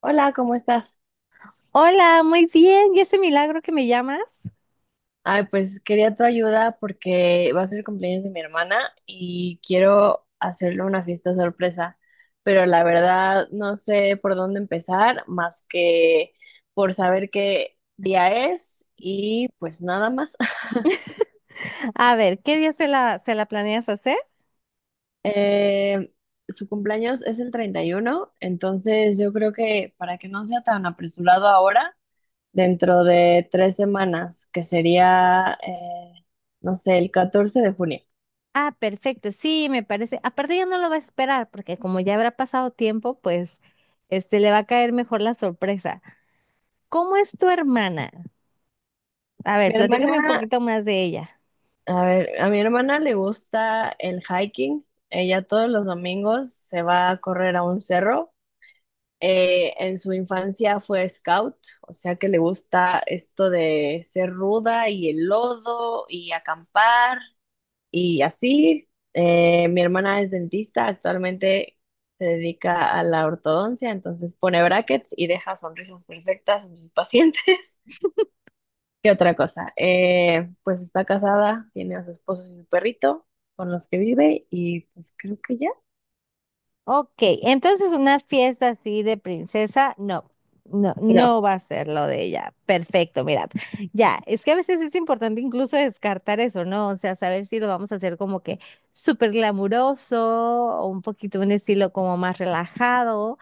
Hola, ¿cómo estás? Hola, muy bien. ¿Y ese milagro que me llamas? Ay, pues quería tu ayuda porque va a ser el cumpleaños de mi hermana y quiero hacerle una fiesta sorpresa, pero la verdad no sé por dónde empezar más que por saber qué día es y pues nada más. A ver, ¿qué día se la planeas hacer? Eh, Su cumpleaños es el 31, entonces yo creo que para que no sea tan apresurado ahora, dentro de 3 semanas, que sería, no sé, el 14 de junio. Ah, perfecto. Sí, me parece. Aparte ya no lo va a esperar porque como ya habrá pasado tiempo, pues le va a caer mejor la sorpresa. ¿Cómo es tu hermana? A ver, Mi platícame un hermana, poquito más de ella. a ver, a mi hermana le gusta el hiking. Ella todos los domingos se va a correr a un cerro. En su infancia fue scout, o sea que le gusta esto de ser ruda y el lodo y acampar y así. Mi hermana es dentista, actualmente se dedica a la ortodoncia, entonces pone brackets y deja sonrisas perfectas en sus pacientes. ¿Qué otra cosa? Pues está casada, tiene a su esposo y su perrito con los que vive y pues creo que ya. Ok, entonces una fiesta así de princesa, no, no, No, no va a ser lo de ella. Perfecto, mira. Ya, es que a veces es importante incluso descartar eso, ¿no? O sea, saber si lo vamos a hacer como que súper glamuroso o un poquito un estilo como más relajado.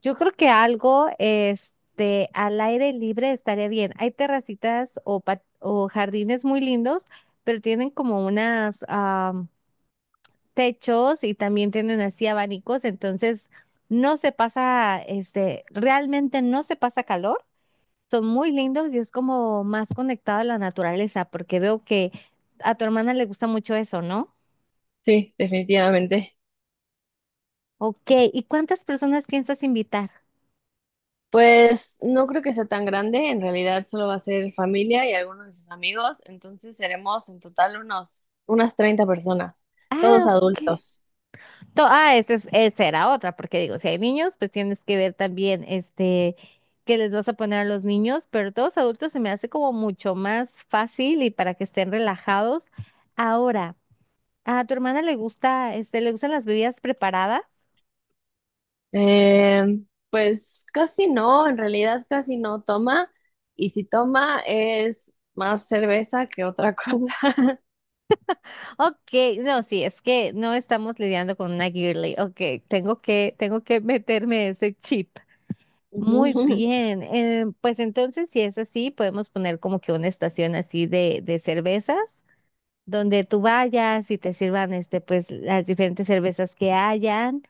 Yo creo que algo, al aire libre estaría bien. Hay terracitas o, o jardines muy lindos, pero tienen como unas, techos y también tienen así abanicos, entonces no se pasa, realmente no se pasa calor, son muy lindos y es como más conectado a la naturaleza, porque veo que a tu hermana le gusta mucho eso, ¿no? sí, definitivamente. Ok, ¿y cuántas personas piensas invitar? Pues no creo que sea tan grande, en realidad solo va a ser familia y algunos de sus amigos, entonces seremos en total unas 30 personas, Ah, todos ok. adultos. Esa es, esa era otra, porque digo, si hay niños, pues tienes que ver también, qué les vas a poner a los niños, pero todos adultos se me hace como mucho más fácil y para que estén relajados. Ahora, ¿a tu hermana le gusta, le gustan las bebidas preparadas? Eh, pues casi no, en realidad casi no toma y si toma es más cerveza que otra cosa. Ok, no, sí, es que no estamos lidiando con una girly. Ok, tengo que meterme ese chip. Muy bien, pues entonces si es así, podemos poner como que una estación así de cervezas, donde tú vayas y te sirvan, pues las diferentes cervezas que hayan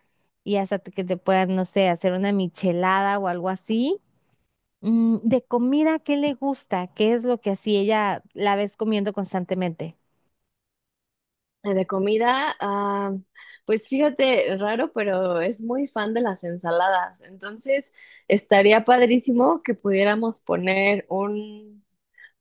y hasta que te puedan, no sé, hacer una michelada o algo así. Mm, de comida, ¿qué le gusta? ¿Qué es lo que así ella la ves comiendo constantemente? De comida, ah, pues fíjate, raro, pero es muy fan de las ensaladas. Entonces, estaría padrísimo que pudiéramos poner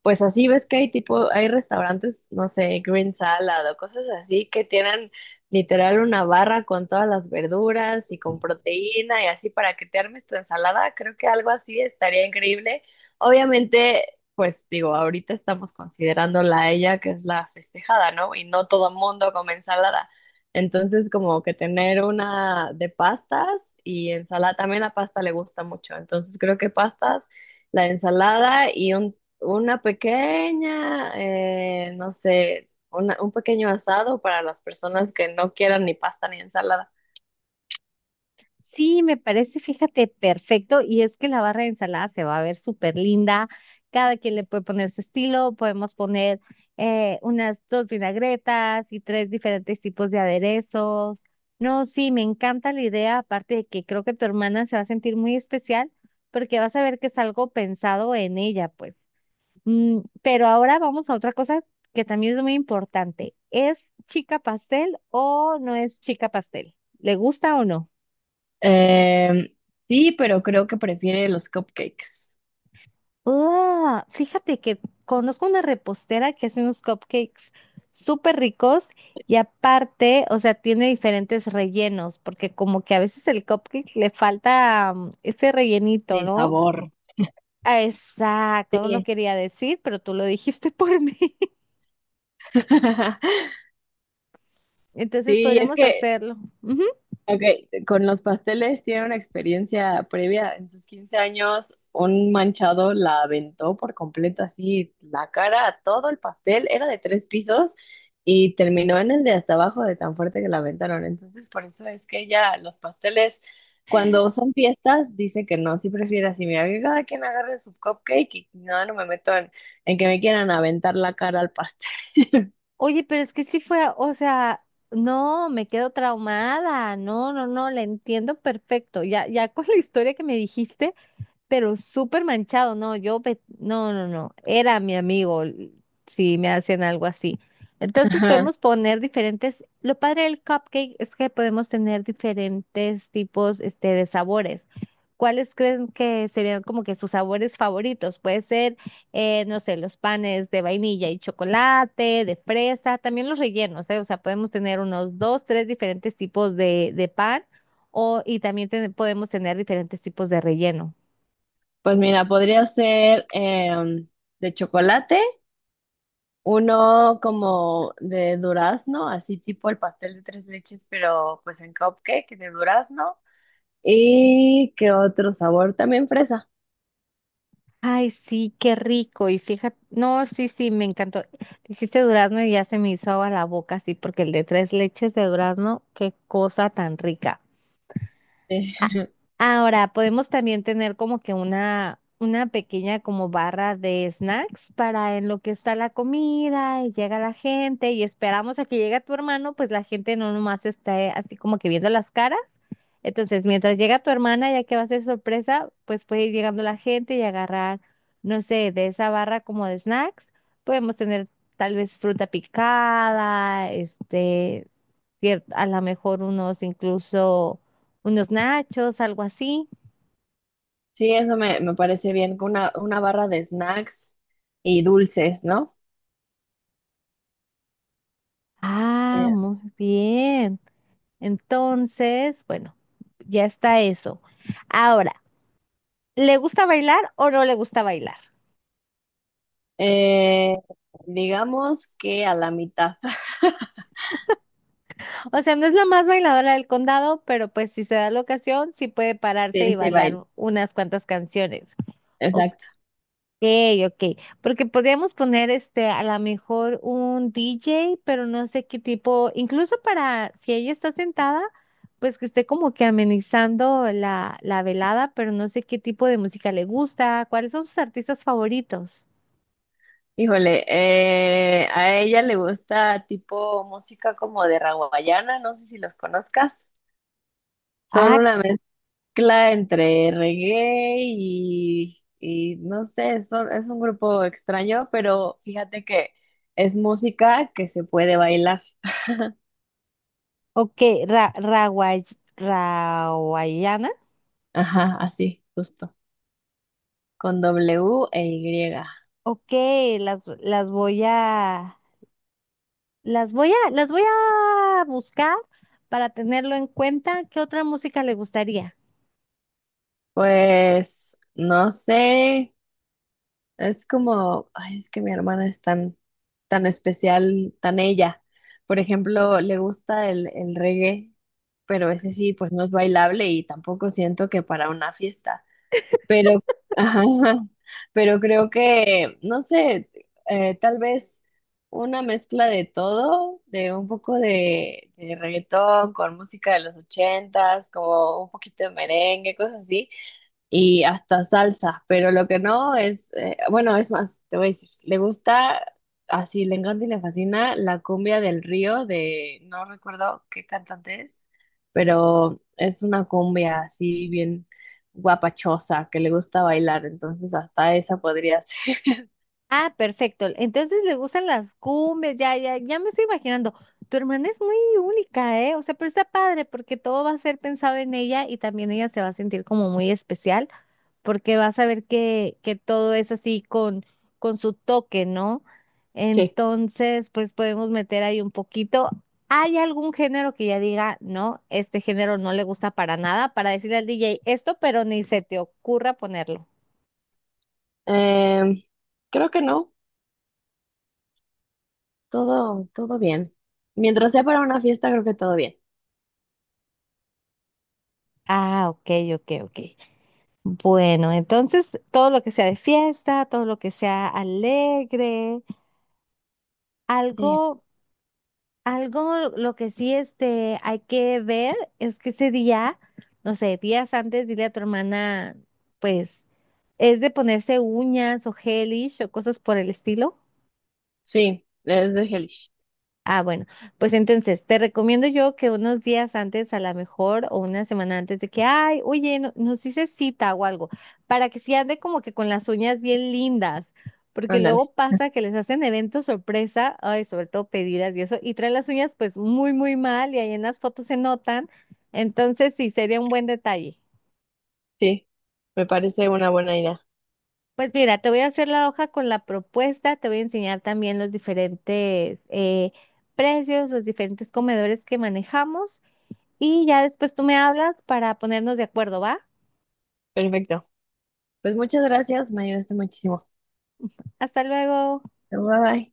pues así ves que hay tipo, hay restaurantes, no sé, Green Salad o cosas así que tienen literal una barra con todas las verduras y con proteína y así para que te armes tu ensalada. Creo que algo así estaría increíble. Obviamente, pues digo, ahorita estamos considerando la ella que es la festejada, ¿no? Y no todo mundo come ensalada. Entonces, como que tener una de pastas y ensalada, también la pasta le gusta mucho. Entonces, creo que pastas la ensalada y un una pequeña, no sé, una- un pequeño asado para las personas que no quieran ni pasta ni ensalada. Sí, me parece, fíjate, perfecto. Y es que la barra de ensalada se va a ver súper linda. Cada quien le puede poner su estilo. Podemos poner unas dos vinagretas y tres diferentes tipos de aderezos. No, sí, me encanta la idea. Aparte de que creo que tu hermana se va a sentir muy especial porque vas a ver que es algo pensado en ella, pues. Mm, pero ahora vamos a otra cosa que también es muy importante. ¿Es chica pastel o no es chica pastel? ¿Le gusta o no? Em, sí, pero creo que prefiere los cupcakes. Ah, fíjate que conozco una repostera que hace unos cupcakes súper ricos y aparte, o sea, tiene diferentes rellenos, porque como que a veces el cupcake le falta ese rellenito, Sí, ¿no? sabor. Ah, exacto, no lo Sí. quería decir, pero tú lo dijiste por mí. Entonces Sí, es podremos que hacerlo. Ujú. Ok, con los pasteles tiene una experiencia previa. En sus 15 años, un manchado la aventó por completo así, la cara a todo el pastel. Era de 3 pisos y terminó en el de hasta abajo de tan fuerte que la aventaron. Entonces, por eso es que ella, los pasteles, cuando son fiestas, dice que no, sí prefiere así. Mira, que cada quien agarre su cupcake y no, no me meto en que me quieran aventar la cara al pastel. Oye, pero es que sí fue, o sea, no, me quedo traumada, no, no, no, la entiendo perfecto. Ya, ya con la historia que me dijiste, pero súper manchado, no, yo, no, no, no, era mi amigo si me hacen algo así. Entonces Ajá. podemos poner diferentes, lo padre del cupcake es que podemos tener diferentes tipos, de sabores. ¿Cuáles creen que serían como que sus sabores favoritos? Puede ser, no sé, los panes de vainilla y chocolate, de fresa, también los rellenos, ¿eh? O sea, podemos tener unos dos, tres diferentes tipos de pan o, y también podemos tener diferentes tipos de relleno. Pues mira, podría ser de chocolate. Uno como de durazno, así tipo el pastel de tres leches, pero pues en cupcake de durazno. ¿Y qué otro sabor? También fresa. Ay, sí, qué rico. Y fíjate, no, sí, sí, me encantó. Dijiste durazno y ya se me hizo agua la boca, sí, porque el de tres leches de durazno, qué cosa tan rica. Eh, A- Ahora, podemos también tener como que una pequeña como barra de snacks para en lo que está la comida y llega la gente y esperamos a que llegue tu hermano, pues la gente no nomás está así como que viendo las caras, entonces, mientras llega tu hermana, ya que va a ser sorpresa, pues puede ir llegando la gente y agarrar, no sé, de esa barra como de snacks. Podemos tener tal vez fruta picada, a lo mejor unos, incluso unos nachos, algo así. Sí, eso me parece bien, con una barra de snacks y dulces, ¿no? Ah, Eh, muy bien. Entonces, bueno, ya está eso. Ahora, ¿le gusta bailar o no le gusta bailar? eh, digamos que a la mitad O sea, no es la más bailadora del condado, pero pues si se da la ocasión, sí puede pararse de y este bailar baile. Unas cuantas canciones. Ok, Exacto. ok. Porque podríamos poner a lo mejor un DJ, pero no sé qué tipo, incluso para si ella está sentada, pues que esté como que amenizando la velada, pero no sé qué tipo de música le gusta, cuáles son sus artistas favoritos. Híjole, a ella le gusta tipo música como de raguayana, no sé si los conozcas. Son Ah, una mezcla entre reggae y no sé, es un grupo extraño, pero fíjate que es música que se puede bailar. ok, Rawaiana. Ajá, así, justo, con W e Y. Ok, las, las voy a, las voy a buscar para tenerlo en cuenta. ¿Qué otra música le gustaría? Pues no sé, es como, ay, es que mi hermana es tan, tan especial, tan ella. Por ejemplo, le gusta el reggae, pero ese sí, pues no es bailable y tampoco siento que para una fiesta. Pero, ajá, pero creo que, no sé, tal vez una mezcla de todo, de un poco de reggaetón con música de los ochentas, como un poquito de merengue, cosas así y hasta salsas, pero lo que no es, bueno, es más, te voy a decir, le gusta, así le encanta y le fascina la cumbia del río de, no recuerdo qué cantante es, pero es una cumbia así bien guapachosa que le gusta bailar, entonces hasta esa podría ser. Ah, perfecto. Entonces le gustan las cumbias, ya me estoy imaginando. Tu hermana es muy única, ¿eh? O sea, pero está padre porque todo va a ser pensado en ella y también ella se va a sentir como muy especial, porque vas a ver que todo es así con su toque, ¿no? Sí, Entonces, pues podemos meter ahí un poquito. ¿Hay algún género que ya diga, no, este género no le gusta para nada, para decirle al DJ esto, pero ni se te ocurra ponerlo? em, creo que no, todo, todo bien. Mientras sea para una fiesta, creo que todo bien. Ah, ok, ok, ok. Bueno, entonces todo lo que sea de fiesta, todo lo que sea alegre, Sí, algo algo lo que sí hay que ver es que ese día, no sé, días antes, dile a tu hermana, pues, es de ponerse uñas o gelish o cosas por el estilo. sí, es de Hellish. Ah, bueno, pues entonces te recomiendo yo que unos días antes, a lo mejor, o una semana antes de que, ay, oye, nos hice cita o algo, para que sí ande como que con las uñas bien lindas, porque Ándale, luego pasa que les hacen eventos sorpresa, ay, sobre todo pedidas y eso, y traen las uñas pues muy, muy mal y ahí en las fotos se notan, entonces sí, sería un buen detalle. sí, me parece una buena idea. Pues mira, te voy a hacer la hoja con la propuesta, te voy a enseñar también los diferentes precios, los diferentes comedores que manejamos. Y ya después tú me hablas para ponernos de acuerdo, ¿va? Perfecto. Pues muchas gracias, me ayudaste muchísimo. Hasta luego. Bye bye.